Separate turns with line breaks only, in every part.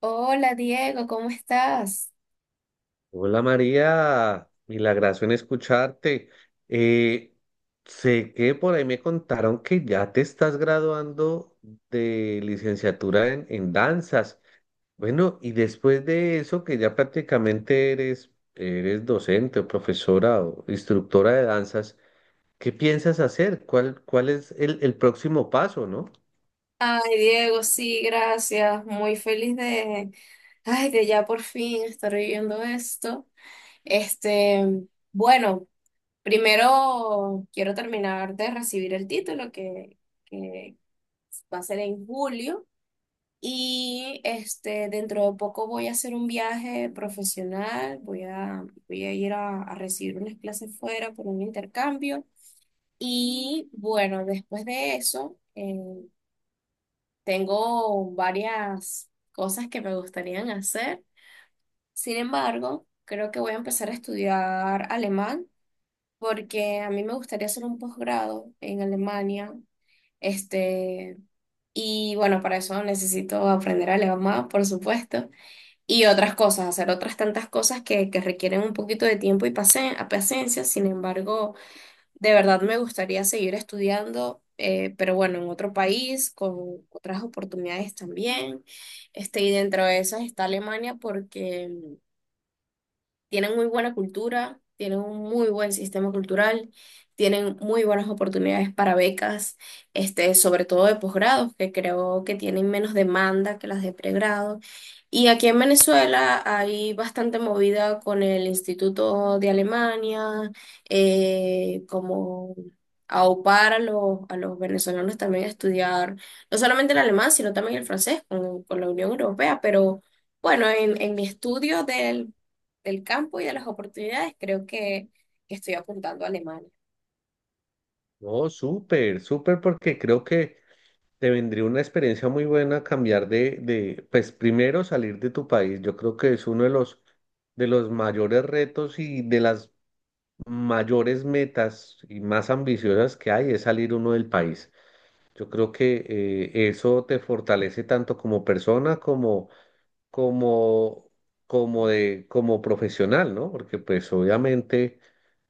Hola Diego, ¿cómo estás?
Hola María, milagrazo en escucharte. Eh, sé que por ahí me contaron que ya te estás graduando de licenciatura en danzas. Bueno, y después de eso, que ya prácticamente eres docente o profesora o instructora de danzas, ¿qué piensas hacer? ¿Cuál es el próximo paso, no?
Ay, Diego, sí, gracias. Muy feliz de, ay, de ya por fin estar viviendo esto. Este, bueno, primero quiero terminar de recibir el título que va a ser en julio. Y este, dentro de poco voy a hacer un viaje profesional. Voy a ir a recibir unas clases fuera por un intercambio. Y bueno, después de eso. Tengo varias cosas que me gustarían hacer. Sin embargo, creo que voy a empezar a estudiar alemán porque a mí me gustaría hacer un posgrado en Alemania. Este, y bueno, para eso necesito aprender alemán, por supuesto, y otras cosas, hacer otras tantas cosas que requieren un poquito de tiempo y paciencia. Sin embargo, de verdad me gustaría seguir estudiando, pero bueno, en otro país, con otras oportunidades también. Y dentro de esas está Alemania porque tienen muy buena cultura, tienen un muy buen sistema cultural, tienen muy buenas oportunidades para becas, este, sobre todo de posgrados, que creo que tienen menos demanda que las de pregrado. Y aquí en Venezuela hay bastante movida con el Instituto de Alemania, como aupar a los venezolanos también a estudiar, no solamente el alemán, sino también el francés con la Unión Europea, pero... Bueno, en mi estudio del campo y de las oportunidades, creo que estoy apuntando a Alemania.
Oh, súper, súper, porque creo que te vendría una experiencia muy buena cambiar de, pues primero salir de tu país. Yo creo que es uno de de los mayores retos y de las mayores metas y más ambiciosas que hay es salir uno del país. Yo creo que eso te fortalece tanto como persona como, como profesional, ¿no? Porque pues obviamente,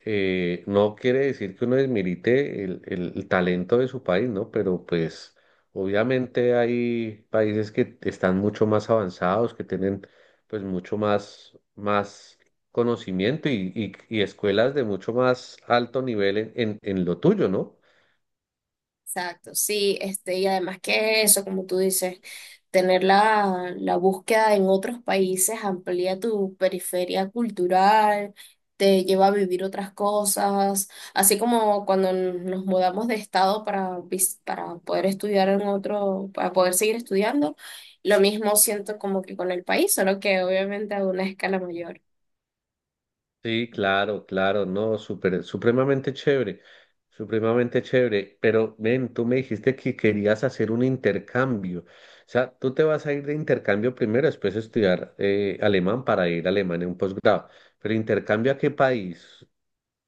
no quiere decir que uno desmerite el talento de su país, ¿no? Pero pues obviamente hay países que están mucho más avanzados, que tienen pues mucho más conocimiento y escuelas de mucho más alto nivel en lo tuyo, ¿no?
Exacto, sí, este, y además que eso, como tú dices, tener la búsqueda en otros países amplía tu periferia cultural, te lleva a vivir otras cosas, así como cuando nos mudamos de estado para, para poder estudiar en otro, para poder seguir estudiando, lo mismo siento como que con el país, solo que obviamente a una escala mayor.
Sí, claro, claro, no, súper, supremamente chévere, supremamente chévere. Pero ven, tú me dijiste que querías hacer un intercambio. O sea, tú te vas a ir de intercambio primero, después estudiar alemán para ir a Alemania en un posgrado. Pero intercambio, ¿a qué país?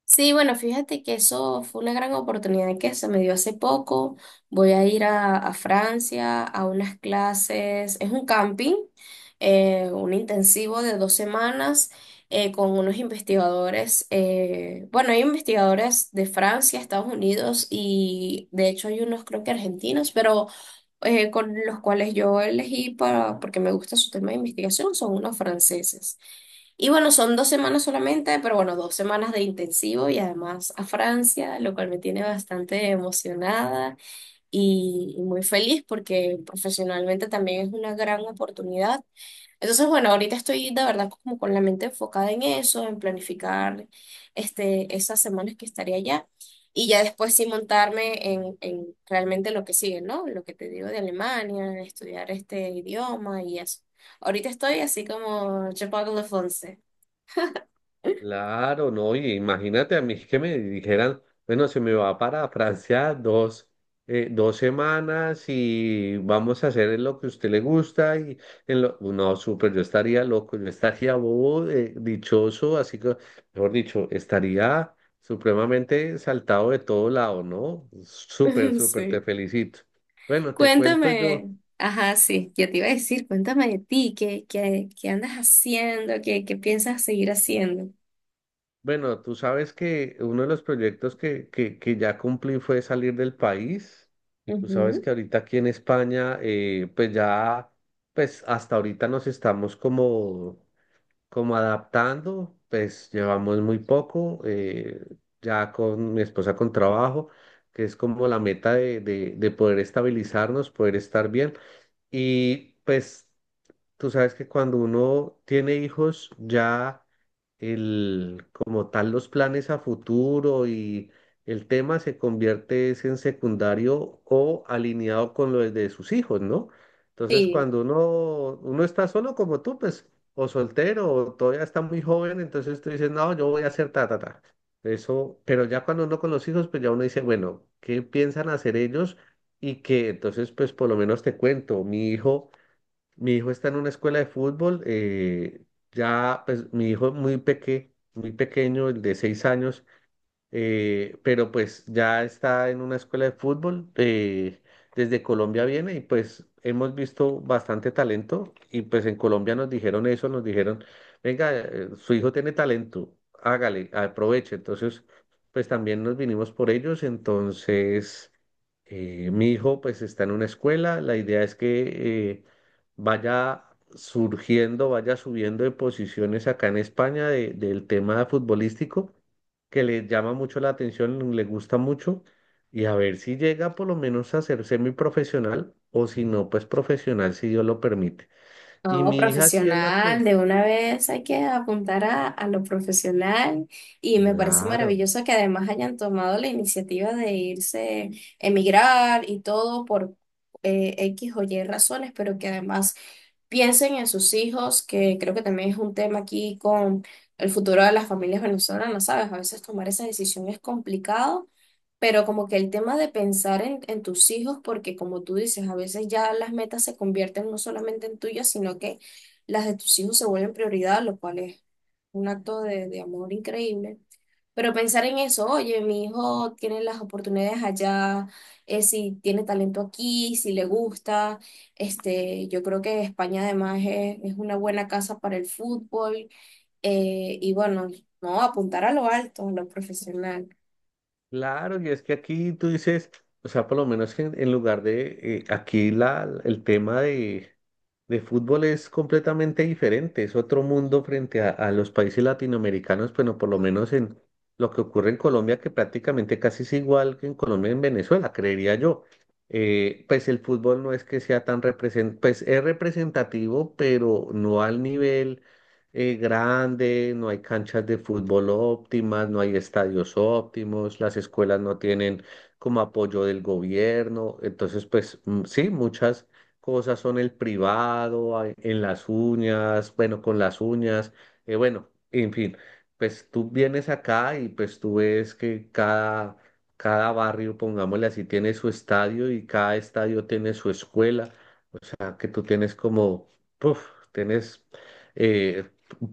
Sí, bueno, fíjate que eso fue una gran oportunidad que se me dio hace poco. Voy a ir a Francia a unas clases, es un camping, un intensivo de dos semanas con unos investigadores. Bueno, hay investigadores de Francia, Estados Unidos y de hecho hay unos creo que argentinos, pero con los cuales yo elegí porque me gusta su tema de investigación, son unos franceses. Y bueno, son dos semanas solamente, pero bueno, dos semanas de intensivo y además a Francia, lo cual me tiene bastante emocionada y muy feliz porque profesionalmente también es una gran oportunidad. Entonces, bueno, ahorita estoy de verdad como con la mente enfocada en eso, en planificar este, esas semanas que estaré allá y ya después sí montarme en realmente lo que sigue, ¿no? Lo que te digo de Alemania, estudiar este idioma y eso. Ahorita estoy así como je parle français.
Claro, no, y imagínate a mí que me dijeran, bueno, se me va para Francia dos semanas y vamos a hacer lo que a usted le gusta y en lo, no, súper, yo estaría loco, yo estaría bobo, dichoso, así que, mejor dicho, estaría supremamente saltado de todo lado, ¿no? Súper, súper, te
Sí.
felicito. Bueno, te cuento yo.
Cuéntame, ajá, sí, ya te iba a decir, cuéntame de ti, qué andas haciendo, qué piensas seguir haciendo.
Bueno, tú sabes que uno de los proyectos que ya cumplí fue salir del país. Tú sabes
Ujú.
que ahorita aquí en España, pues ya, pues hasta ahorita nos estamos como adaptando, pues llevamos muy poco, ya con mi esposa con trabajo, que es como la meta de poder estabilizarnos, poder estar bien. Y pues tú sabes que cuando uno tiene hijos, ya el, como tal los planes a futuro y el tema se convierte es en secundario o alineado con lo de sus hijos, ¿no? Entonces,
Sí.
cuando uno está solo como tú, pues, o soltero, o todavía está muy joven, entonces tú dices, no, yo voy a hacer ta, ta, ta. Eso, pero ya cuando uno con los hijos, pues ya uno dice, bueno, ¿qué piensan hacer ellos? Y que entonces, pues por lo menos te cuento, mi hijo está en una escuela de fútbol. Ya, pues mi hijo es muy pequeño, el de 6 años, pero pues ya está en una escuela de fútbol. Desde Colombia viene y pues hemos visto bastante talento y pues en Colombia nos dijeron eso, nos dijeron, venga, su hijo tiene talento, hágale, aproveche. Entonces, pues también nos vinimos por ellos, entonces... Mi hijo pues está en una escuela, la idea es que vaya surgiendo, vaya subiendo de posiciones acá en España del tema futbolístico que le llama mucho la atención, le gusta mucho, y a ver si llega por lo menos a ser semiprofesional, o si no, pues profesional, si Dios lo permite. Y
No,
mi hija sí es la que,
profesional, de una vez hay que apuntar a lo profesional y me parece
claro.
maravilloso que además hayan tomado la iniciativa de irse, emigrar y todo por X o Y razones, pero que además piensen en sus hijos, que creo que también es un tema aquí con el futuro de las familias venezolanas, ¿sabes? A veces tomar esa decisión es complicado pero como que el tema de pensar en tus hijos, porque como tú dices, a veces ya las metas se convierten no solamente en tuyas, sino que las de tus hijos se vuelven prioridad, lo cual es un acto de amor increíble. Pero pensar en eso, oye, mi hijo tiene las oportunidades allá, si tiene talento aquí, si le gusta, este, yo creo que España además es una buena casa para el fútbol, y bueno, no, apuntar a lo alto, a lo profesional.
Claro, y es que aquí tú dices, o sea, por lo menos que en lugar de, aquí la, el tema de fútbol es completamente diferente, es otro mundo frente a los países latinoamericanos, bueno, por lo menos en lo que ocurre en Colombia, que prácticamente casi es igual que en Colombia y en Venezuela, creería yo. Pues el fútbol no es que sea tan represent, pues es representativo, pero no al nivel grande, no hay canchas de fútbol óptimas, no hay estadios óptimos, las escuelas no tienen como apoyo del gobierno. Entonces, pues sí, muchas cosas son el privado, a- en las uñas, bueno, con las uñas, bueno, en fin, pues tú vienes acá y pues tú ves que cada... Cada barrio, pongámosle así, tiene su estadio y cada estadio tiene su escuela, sea, que tú tienes como, puf, tienes eh,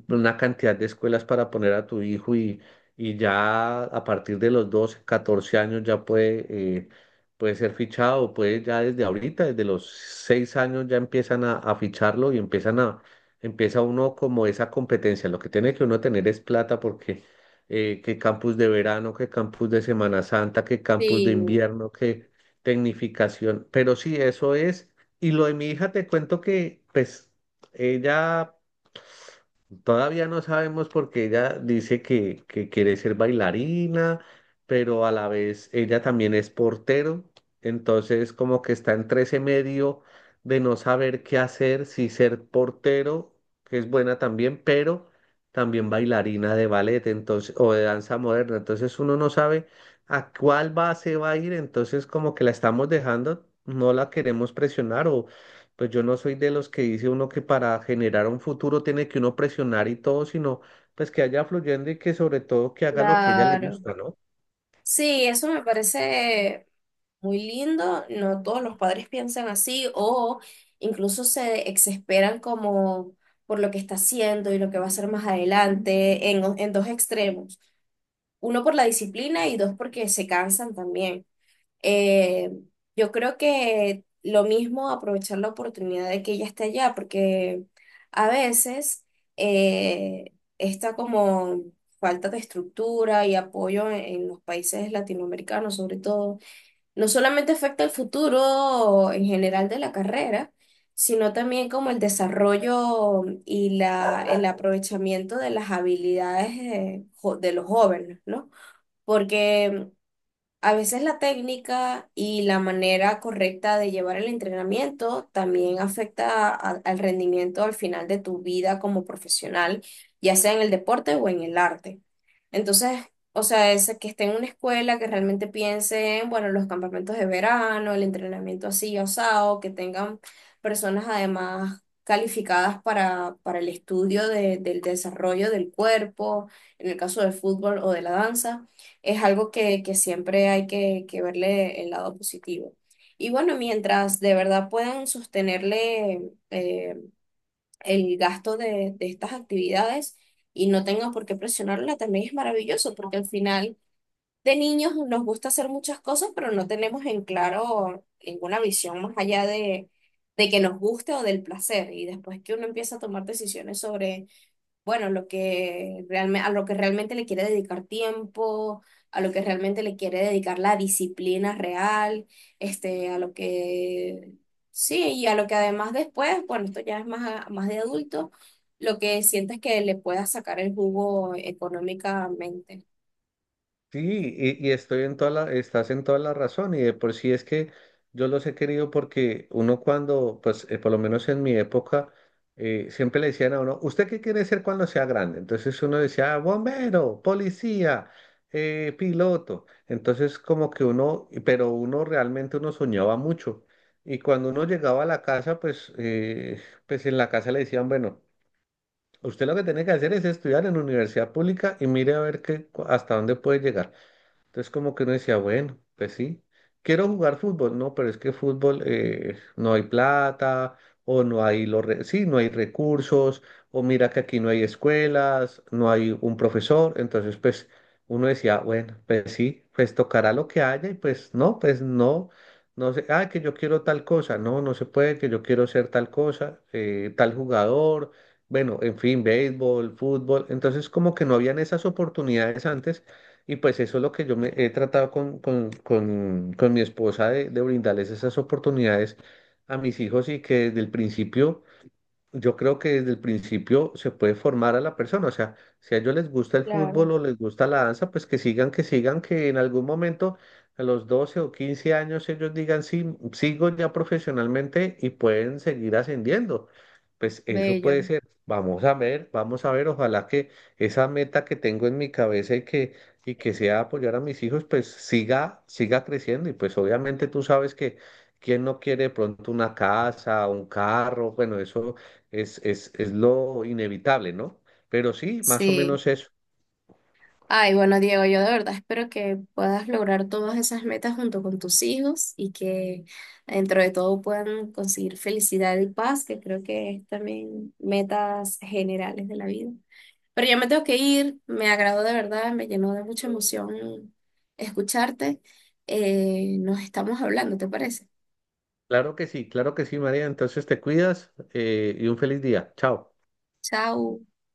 una cantidad de escuelas para poner a tu hijo, y ya a partir de los 12 14 años ya puede, eh, puede ser fichado, puede ya desde ahorita, desde los 6 años ya empiezan a ficharlo y empiezan a, empieza uno como esa competencia. Lo que tiene que uno tener es plata porque... Que campus de verano, que campus de Semana Santa, que campus de
Sí.
invierno, que tecnificación. Pero sí, eso es. Y lo de mi hija te cuento que, pues, ella todavía no sabemos porque ella dice que quiere ser bailarina, pero a la vez ella también es portero, entonces como que está entre ese medio de no saber qué hacer, si ser portero, que es buena también, pero también bailarina de ballet, entonces, o de danza moderna, entonces uno no sabe a cuál base va a ir, entonces como que la estamos dejando, no la queremos presionar, o pues yo no soy de los que dice uno que para generar un futuro tiene que uno presionar y todo, sino pues que haya fluyendo y que sobre todo que haga lo que ella le
Claro.
gusta, ¿no?
Sí, eso me parece muy lindo. No todos los padres piensan así o incluso se exesperan como por lo que está haciendo y lo que va a hacer más adelante en dos extremos. Uno por la disciplina y dos porque se cansan también. Eh, yo creo que lo mismo aprovechar la oportunidad de que ella esté allá, porque a veces esta como falta de estructura y apoyo en los países latinoamericanos, sobre todo, no solamente afecta el futuro en general de la carrera, sino también como el desarrollo y la, el aprovechamiento de las habilidades de los jóvenes, ¿no? Porque a veces la técnica y la manera correcta de llevar el entrenamiento también afecta al rendimiento al final de tu vida como profesional, ya sea en el deporte o en el arte. Entonces, o sea, es que esté en una escuela que realmente piense en, bueno, los campamentos de verano, el entrenamiento así osado, que tengan personas además calificadas para el estudio del desarrollo del cuerpo, en el caso del fútbol o de la danza es algo que siempre hay que verle el lado positivo. Y bueno, mientras de verdad puedan sostenerle eh, el gasto de estas actividades y no tengan por qué presionarla, también es maravilloso, porque al final de niños nos gusta hacer muchas cosas, pero no tenemos en claro ninguna visión más allá de que nos guste o del placer. Y después que uno empieza a tomar decisiones sobre bueno, lo que a lo que realmente le quiere dedicar tiempo, a lo que realmente le quiere dedicar la disciplina real, este, a lo que, sí, y a lo que además después, bueno, esto ya es más, más de adulto, lo que sientes que le pueda sacar el jugo económicamente.
Sí, y estoy en toda la, estás en toda la razón y de por sí es que yo los he querido porque uno cuando, pues por lo menos en mi época, siempre le decían a uno, ¿usted qué quiere ser cuando sea grande? Entonces uno decía, "Ah, bombero, policía, piloto". Entonces como que uno, pero uno realmente uno soñaba mucho. Y cuando uno llegaba a la casa, pues, pues en la casa le decían, bueno, usted lo que tiene que hacer es estudiar en universidad pública y mire a ver qué, hasta dónde puede llegar. Entonces como que uno decía, bueno, pues sí, quiero jugar fútbol, no, pero es que fútbol no hay plata o no hay los re- sí, no hay recursos o mira que aquí no hay escuelas, no hay un profesor, entonces pues uno decía, bueno, pues sí, pues tocará lo que haya y pues no, no sé, ah, que yo quiero tal cosa, no, no se puede, que yo quiero ser tal cosa, tal jugador, bueno, en fin, béisbol, fútbol, entonces como que no habían esas oportunidades antes y pues eso es lo que yo me he tratado con mi esposa de brindarles esas oportunidades a mis hijos y que desde el principio, yo creo que desde el principio se puede formar a la persona, o sea, si a ellos les gusta el
Claro.
fútbol o les gusta la danza, pues que sigan, que sigan, que en algún momento a los 12 o 15 años ellos digan, sí, sigo ya profesionalmente y pueden seguir ascendiendo. Pues eso puede
Bello,
ser. Vamos a ver, ojalá que esa meta que tengo en mi cabeza y que sea apoyar a mis hijos, pues siga, siga creciendo y pues obviamente tú sabes que... ¿Quién no quiere de pronto una casa, un carro? Bueno, eso es lo inevitable, ¿no? Pero sí, más o
sí.
menos eso.
Ay, bueno, Diego, yo de verdad espero que puedas lograr todas esas metas junto con tus hijos y que dentro de todo puedan conseguir felicidad y paz, que creo que es también metas generales de la vida. Pero ya me tengo que ir, me agradó de verdad, me llenó de mucha emoción escucharte. Nos estamos hablando, ¿te parece?
Claro que sí, María. Entonces te cuidas, y un feliz día. Chao.
Chao.